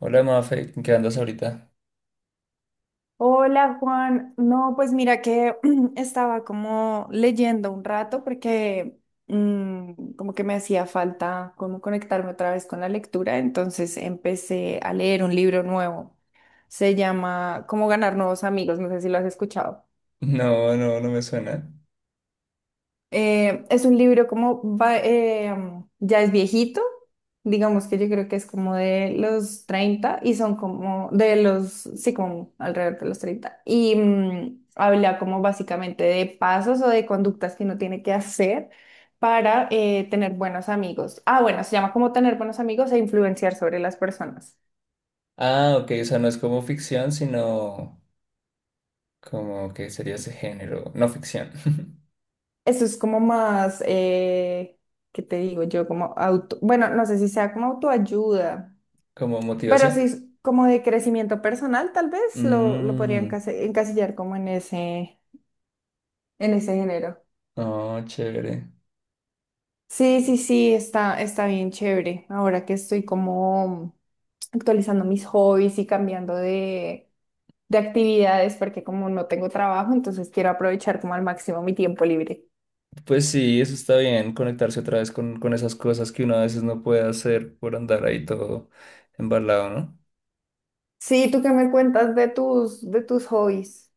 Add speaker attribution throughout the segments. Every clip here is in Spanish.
Speaker 1: Hola, Mafe, ¿en ¿qué andas ahorita?
Speaker 2: Hola Juan, no, pues mira que estaba como leyendo un rato porque mm, como que me hacía falta como conectarme otra vez con la lectura, entonces empecé a leer un libro nuevo. Se llama Cómo ganar nuevos amigos, no sé si lo has escuchado.
Speaker 1: No, no, no me suena.
Speaker 2: Es un libro ya es viejito. Digamos que yo creo que es como de los 30 y son como de los, sí, como alrededor de los 30. Habla como básicamente de pasos o de conductas que uno tiene que hacer para tener buenos amigos. Ah, bueno, se llama como tener buenos amigos e influenciar sobre las personas.
Speaker 1: Ah, ok, o sea, no es como ficción, sino como que sería ese género, no ficción,
Speaker 2: Eso es como más, ¿qué te digo yo? Como bueno, no sé si sea como autoayuda.
Speaker 1: como
Speaker 2: Pero sí,
Speaker 1: motivación.
Speaker 2: es como de crecimiento personal, tal vez lo
Speaker 1: Mmm,
Speaker 2: podrían encasillar como en ese género.
Speaker 1: oh, chévere.
Speaker 2: Sí, sí, sí, está bien chévere. Ahora que estoy como actualizando mis hobbies y cambiando de actividades, porque como no tengo trabajo, entonces quiero aprovechar como al máximo mi tiempo libre.
Speaker 1: Pues sí, eso está bien, conectarse otra vez con, esas cosas que uno a veces no puede hacer por andar ahí todo embalado, ¿no?
Speaker 2: Sí, ¿tú qué me cuentas de tus hobbies?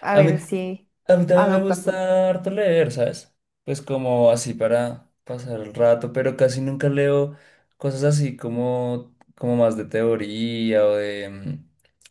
Speaker 2: A
Speaker 1: A mí,
Speaker 2: ver si
Speaker 1: a mí también me
Speaker 2: adoptan.
Speaker 1: gusta harto leer, ¿sabes? Pues como así para pasar el rato, pero casi nunca leo cosas así como más de teoría o de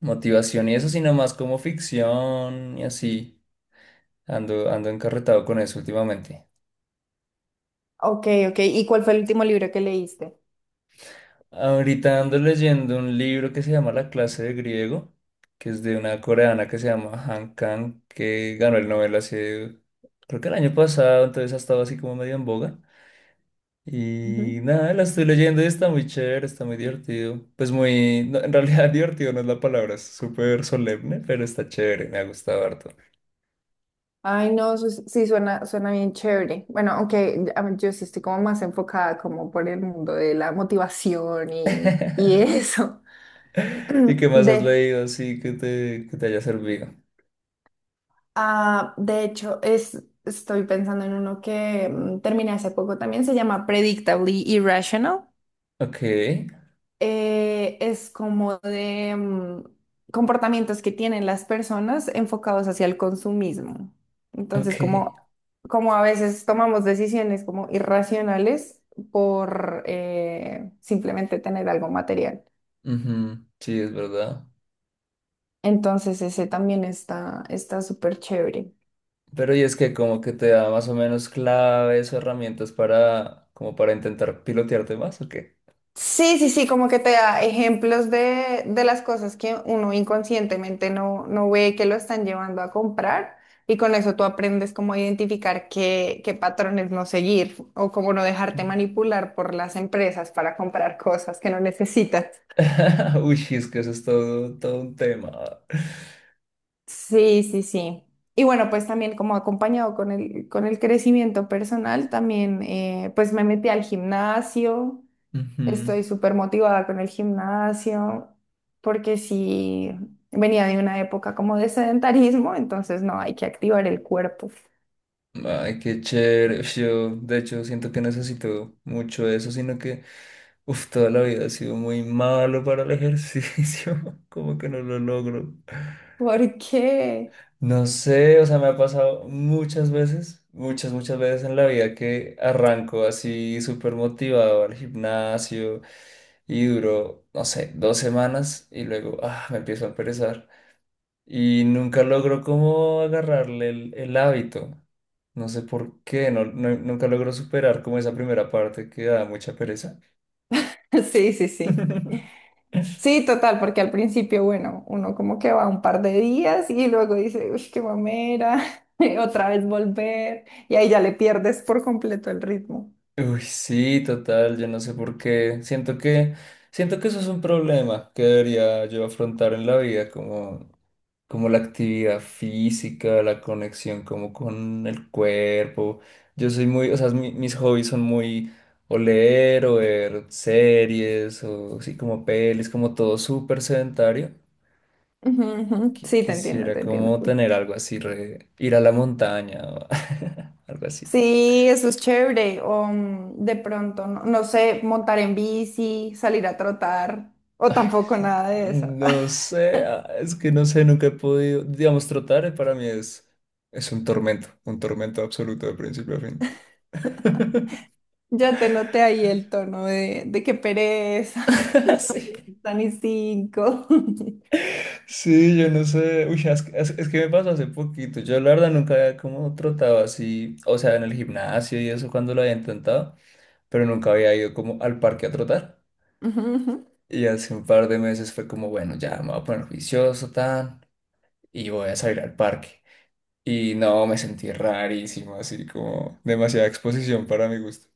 Speaker 1: motivación y eso, sino más como ficción y así. Ando, ando encarretado con eso últimamente.
Speaker 2: Ok, ok. ¿Y cuál fue el último libro que leíste?
Speaker 1: Ahorita ando leyendo un libro que se llama La clase de griego, que es de una coreana que se llama Han Kang, que ganó el Nobel hace, creo que el año pasado, entonces ha estado así como medio en boga. Y
Speaker 2: Ujú.
Speaker 1: nada, la estoy leyendo y está muy chévere, está muy divertido. Pues muy, no, en realidad divertido no es la palabra, es súper solemne, pero está chévere, me ha gustado harto.
Speaker 2: Ay, no, sí, suena bien chévere. Bueno, aunque a mí- yo sí estoy como más enfocada como por el mundo de la motivación y eso.
Speaker 1: ¿Y qué más has
Speaker 2: De,
Speaker 1: leído así que te haya servido?
Speaker 2: Ah, de hecho, estoy pensando en uno que terminé hace poco también, se llama Predictably Irrational.
Speaker 1: Ok,
Speaker 2: Es como de comportamientos que tienen las personas enfocados hacia el consumismo. Entonces,
Speaker 1: ok.
Speaker 2: como a veces tomamos decisiones como irracionales por simplemente tener algo material.
Speaker 1: Ujú, sí, es verdad.
Speaker 2: Entonces, ese también está súper chévere.
Speaker 1: Pero y es que como que te da más o menos claves o herramientas para, como para intentar pilotearte más, ¿o qué?
Speaker 2: Sí, sí, sí, como que te da ejemplos de las cosas que uno inconscientemente no ve que lo están llevando a comprar, y con eso tú aprendes cómo identificar qué, qué patrones no seguir o cómo no dejarte
Speaker 1: Mm.
Speaker 2: manipular por las empresas para comprar cosas que no necesitas.
Speaker 1: Uy, es que eso es todo, todo un tema.
Speaker 2: Sí, sí, sí. Y bueno, pues también como acompañado con el crecimiento personal, también pues me metí al gimnasio.
Speaker 1: Ujú.
Speaker 2: Estoy súper motivada con el gimnasio porque sí venía de una época como de sedentarismo, entonces no, hay que activar el cuerpo.
Speaker 1: Ay, qué chévere. Uf, yo, de hecho, siento que necesito mucho eso, sino que, uf, toda la vida he sido muy malo para el ejercicio. Como que no lo logro.
Speaker 2: ¿Por qué?
Speaker 1: No sé, o sea, me ha pasado muchas veces, muchas, muchas veces en la vida que arranco así súper motivado al gimnasio y duro, no sé, dos semanas y luego, ah, me empiezo a perezar y nunca logró como agarrarle el hábito. No sé por qué, nunca logró superar como esa primera parte que da mucha pereza.
Speaker 2: Sí, sí, sí. Sí, total, porque al principio, bueno, uno como que va un par de días y luego dice, uy, qué mamera, y otra vez volver, y ahí ya le pierdes por completo el ritmo.
Speaker 1: Uy, sí, total, yo no sé por qué. Siento que eso es un problema que debería yo afrontar en la vida, como la actividad física, la conexión como con el cuerpo. Yo soy muy, o sea, mis hobbies son muy o leer o ver series o así como pelis, como todo súper sedentario.
Speaker 2: Ujú, ujú.
Speaker 1: Qui-
Speaker 2: Sí, te entiendo,
Speaker 1: Quisiera
Speaker 2: te entiendo.
Speaker 1: como tener algo así, ir a la montaña o algo así.
Speaker 2: Sí, eso es chévere. O de pronto, no, no sé, montar en bici, salir a trotar, o tampoco nada de eso.
Speaker 1: No sé, ah, es que no sé, nunca he podido, digamos, trotar para mí es un tormento absoluto de principio a fin.
Speaker 2: Ya te noté ahí el tono de qué pereza,
Speaker 1: Sí.
Speaker 2: tan y cinco.
Speaker 1: Sí, yo no sé, uy, es que me pasó hace poquito, yo la verdad nunca había como trotado así, o sea, en el gimnasio y eso cuando lo había intentado, pero nunca había ido como al parque a trotar.
Speaker 2: Ujú, ujú.
Speaker 1: Y hace un par de meses fue como, bueno, ya me voy a poner juicioso, tan, y voy a salir al parque. Y no, me sentí rarísimo, así como demasiada exposición para mi gusto.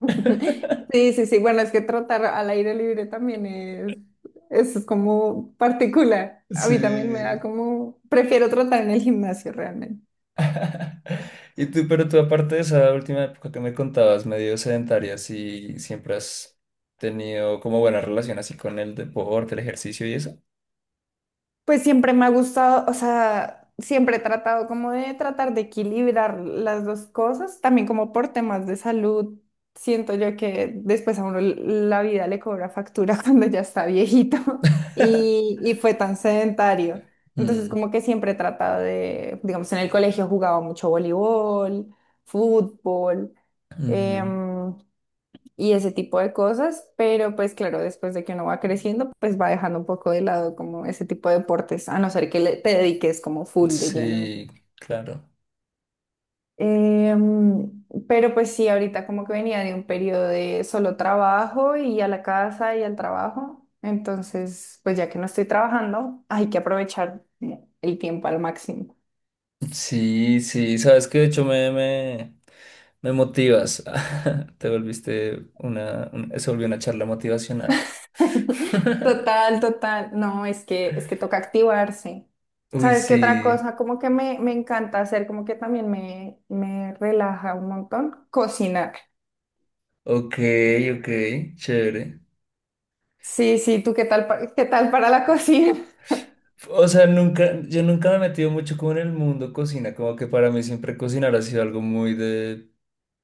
Speaker 2: Sí, sí, sí. Bueno, es que trotar al aire libre también es como particular. A mí también me da
Speaker 1: Sí.
Speaker 2: como, prefiero trotar en el gimnasio realmente.
Speaker 1: Pero tú aparte de esa última época que me contabas, medio sedentaria, si siempre has tenido como buena relación así con el deporte, el ejercicio y eso.
Speaker 2: Pues siempre me ha gustado, o sea, siempre he tratado como de tratar de equilibrar las dos cosas, también como por temas de salud. Siento yo que después a uno la vida le cobra factura cuando ya está viejito y fue tan sedentario. Entonces
Speaker 1: Mm,
Speaker 2: como que siempre he tratado de, digamos, en el colegio jugaba mucho voleibol, fútbol.
Speaker 1: ujú.
Speaker 2: em, y ese tipo de cosas, pero pues claro, después de que uno va creciendo, pues va dejando un poco de lado como ese tipo de deportes, a no ser que te dediques como full de lleno.
Speaker 1: Sí, claro.
Speaker 2: Pero pues sí, ahorita como que venía de un periodo de solo trabajo y a la casa y al trabajo, entonces pues ya que no estoy trabajando, hay que aprovechar el tiempo al máximo.
Speaker 1: Sí, sí, sabes que de hecho me motivas. Te volviste una, se volvió una charla motivacional.
Speaker 2: Total, total. No, es que toca activarse.
Speaker 1: Uy,
Speaker 2: ¿Sabes qué otra
Speaker 1: sí.
Speaker 2: cosa? Como que me encanta hacer, como que también me relaja un montón. Cocinar.
Speaker 1: Ok, ok, chévere.
Speaker 2: Sí, sí, ¿tú qué tal, qué tal para la cocina?
Speaker 1: O sea, nunca, yo nunca me he metido mucho como en el mundo cocina, como que para mí siempre cocinar ha sido algo muy de,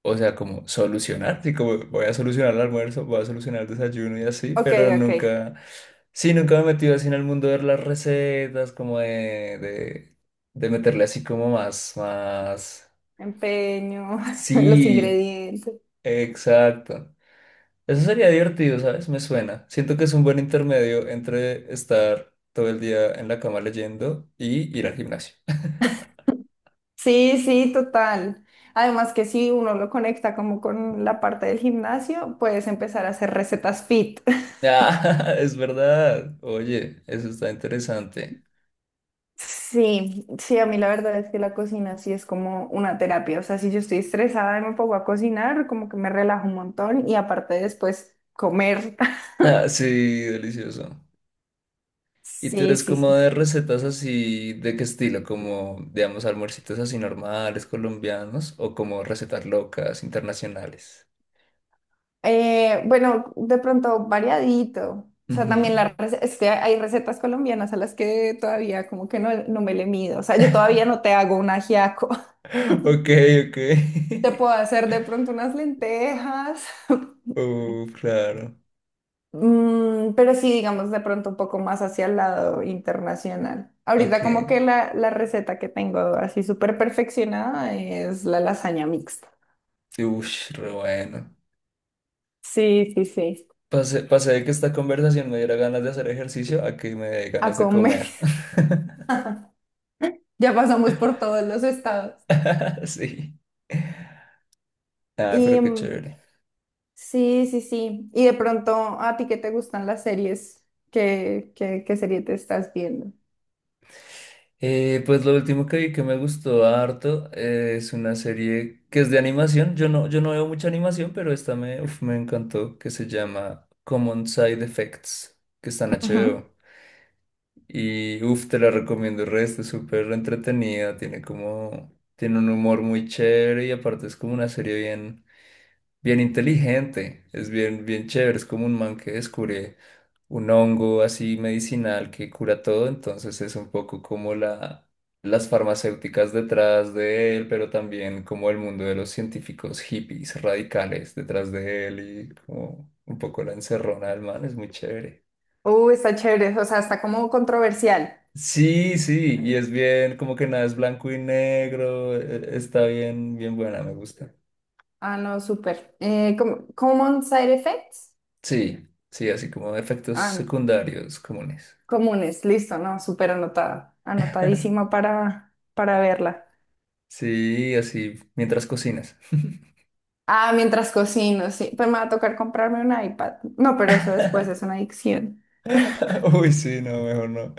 Speaker 1: o sea, como solucionar, sí, como voy a solucionar el almuerzo, voy a solucionar el desayuno y así,
Speaker 2: Ok,
Speaker 1: pero
Speaker 2: ok.
Speaker 1: nunca, sí, nunca me he metido así en el mundo de las recetas, como de, de meterle así como más, más,
Speaker 2: Empeño, los
Speaker 1: sí,
Speaker 2: ingredientes.
Speaker 1: exacto. Eso sería divertido, ¿sabes? Me suena. Siento que es un buen intermedio entre estar todo el día en la cama leyendo y ir al gimnasio.
Speaker 2: Sí, sí, total. Además que si uno lo conecta como con la parte del gimnasio, puedes empezar a hacer recetas fit.
Speaker 1: Ah, es verdad. Oye, eso está interesante.
Speaker 2: Sí, sí, a mí la verdad es que la cocina sí es como una terapia. O sea, si yo estoy estresada y me pongo a cocinar, como que me relajo un montón y aparte después comer.
Speaker 1: Ah, sí, delicioso. ¿Y tú
Speaker 2: Sí,
Speaker 1: eres
Speaker 2: sí,
Speaker 1: como
Speaker 2: sí.
Speaker 1: de recetas así, de qué estilo? Como, digamos, almuercitos así normales, colombianos, o como recetas locas, internacionales.
Speaker 2: Bueno, de pronto variadito. O sea, también
Speaker 1: Ujú.
Speaker 2: es que hay recetas colombianas a las que todavía como que no me le mido. O sea, yo todavía no te hago un ajiaco.
Speaker 1: Ok, ok.
Speaker 2: Te puedo hacer de pronto unas lentejas.
Speaker 1: Claro.
Speaker 2: Pero sí, digamos, de pronto un poco más hacia el lado internacional.
Speaker 1: Ok.
Speaker 2: Ahorita como que la receta que tengo así súper perfeccionada es la lasaña mixta.
Speaker 1: Ush, re bueno.
Speaker 2: Sí, sí, sí.
Speaker 1: Pasé, pasé de que esta conversación me diera ganas de hacer ejercicio a que me dé
Speaker 2: A
Speaker 1: ganas de
Speaker 2: comer.
Speaker 1: comer.
Speaker 2: Ya pasamos por todos los estados.
Speaker 1: Sí. Ah, pero
Speaker 2: Y
Speaker 1: qué chévere.
Speaker 2: sí, sí, sí. Y de pronto, ¿a ti qué te gustan las series? ¿Qué serie te estás viendo?
Speaker 1: Pues lo último que vi que me gustó harto es una serie que es de animación. Yo no veo mucha animación, pero esta uf, me encantó, que se llama Common Side Effects, que está en
Speaker 2: Ujú.
Speaker 1: HBO. Y uff, te la recomiendo el resto, es súper entretenida, tiene un humor muy chévere y aparte es como una serie bien, bien inteligente, es bien, bien chévere, es como un man que descubre un hongo así medicinal que cura todo, entonces es un poco como las farmacéuticas detrás de él, pero también como el mundo de los científicos hippies radicales detrás de él y como un poco la encerrona del man, es muy chévere.
Speaker 2: Está chévere. O sea, está como controversial.
Speaker 1: Sí, sí, y es bien, como que nada es blanco y negro, está bien, bien buena, me gusta.
Speaker 2: Ah, no, súper. ¿ Common Side Effects?
Speaker 1: Sí, sí, así como efectos
Speaker 2: Ah, no.
Speaker 1: secundarios comunes.
Speaker 2: Comunes, listo, ¿no? Súper anotada, anotadísima para verla.
Speaker 1: Sí, así mientras cocinas.
Speaker 2: Ah, mientras cocino, sí, pues me va a tocar comprarme un iPad. No, pero eso después es una adicción.
Speaker 1: Uy, sí, no, mejor no.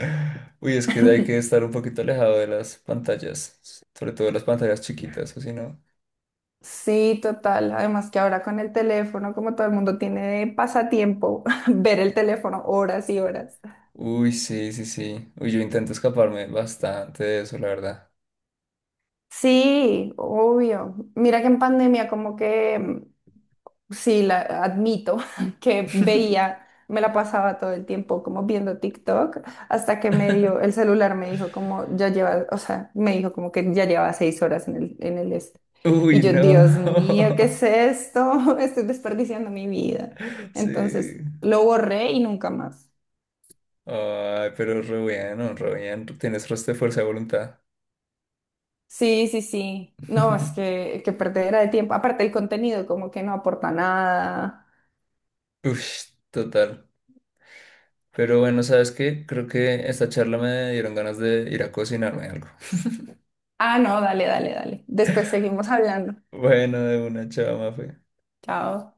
Speaker 1: Uy, es que hay que estar un poquito alejado de las pantallas, sobre todo de las pantallas chiquitas, o si no.
Speaker 2: Sí, total. Además que ahora con el teléfono, como todo el mundo tiene de pasatiempo, ver el teléfono horas y horas.
Speaker 1: Uy, sí, sí, sí. Uy, yo intento escaparme bastante de eso, la verdad.
Speaker 2: Sí, obvio. Mira que en pandemia como que sí, admito que veía, me la pasaba todo el tiempo como viendo TikTok, hasta que me dio, el celular me dijo como, ya lleva, o sea, me dijo como que ya lleva 6 horas en el este. Y
Speaker 1: Uy,
Speaker 2: yo,
Speaker 1: no.
Speaker 2: Dios mío, ¿qué es esto? Estoy desperdiciando mi vida. Entonces,
Speaker 1: Sí.
Speaker 2: lo borré y nunca más.
Speaker 1: Ay, pero re bueno, re bien. Tienes resto de fuerza de voluntad.
Speaker 2: Sí, sí, sí. No, es que perdera de tiempo. Aparte, el contenido como que no aporta nada.
Speaker 1: Uy, total. Pero bueno, ¿sabes qué? Creo que esta charla me dieron ganas de ir a cocinarme algo.
Speaker 2: Ah, no, dale, dale, dale. Después seguimos hablando.
Speaker 1: Bueno, de una chava, Mafe.
Speaker 2: Chao.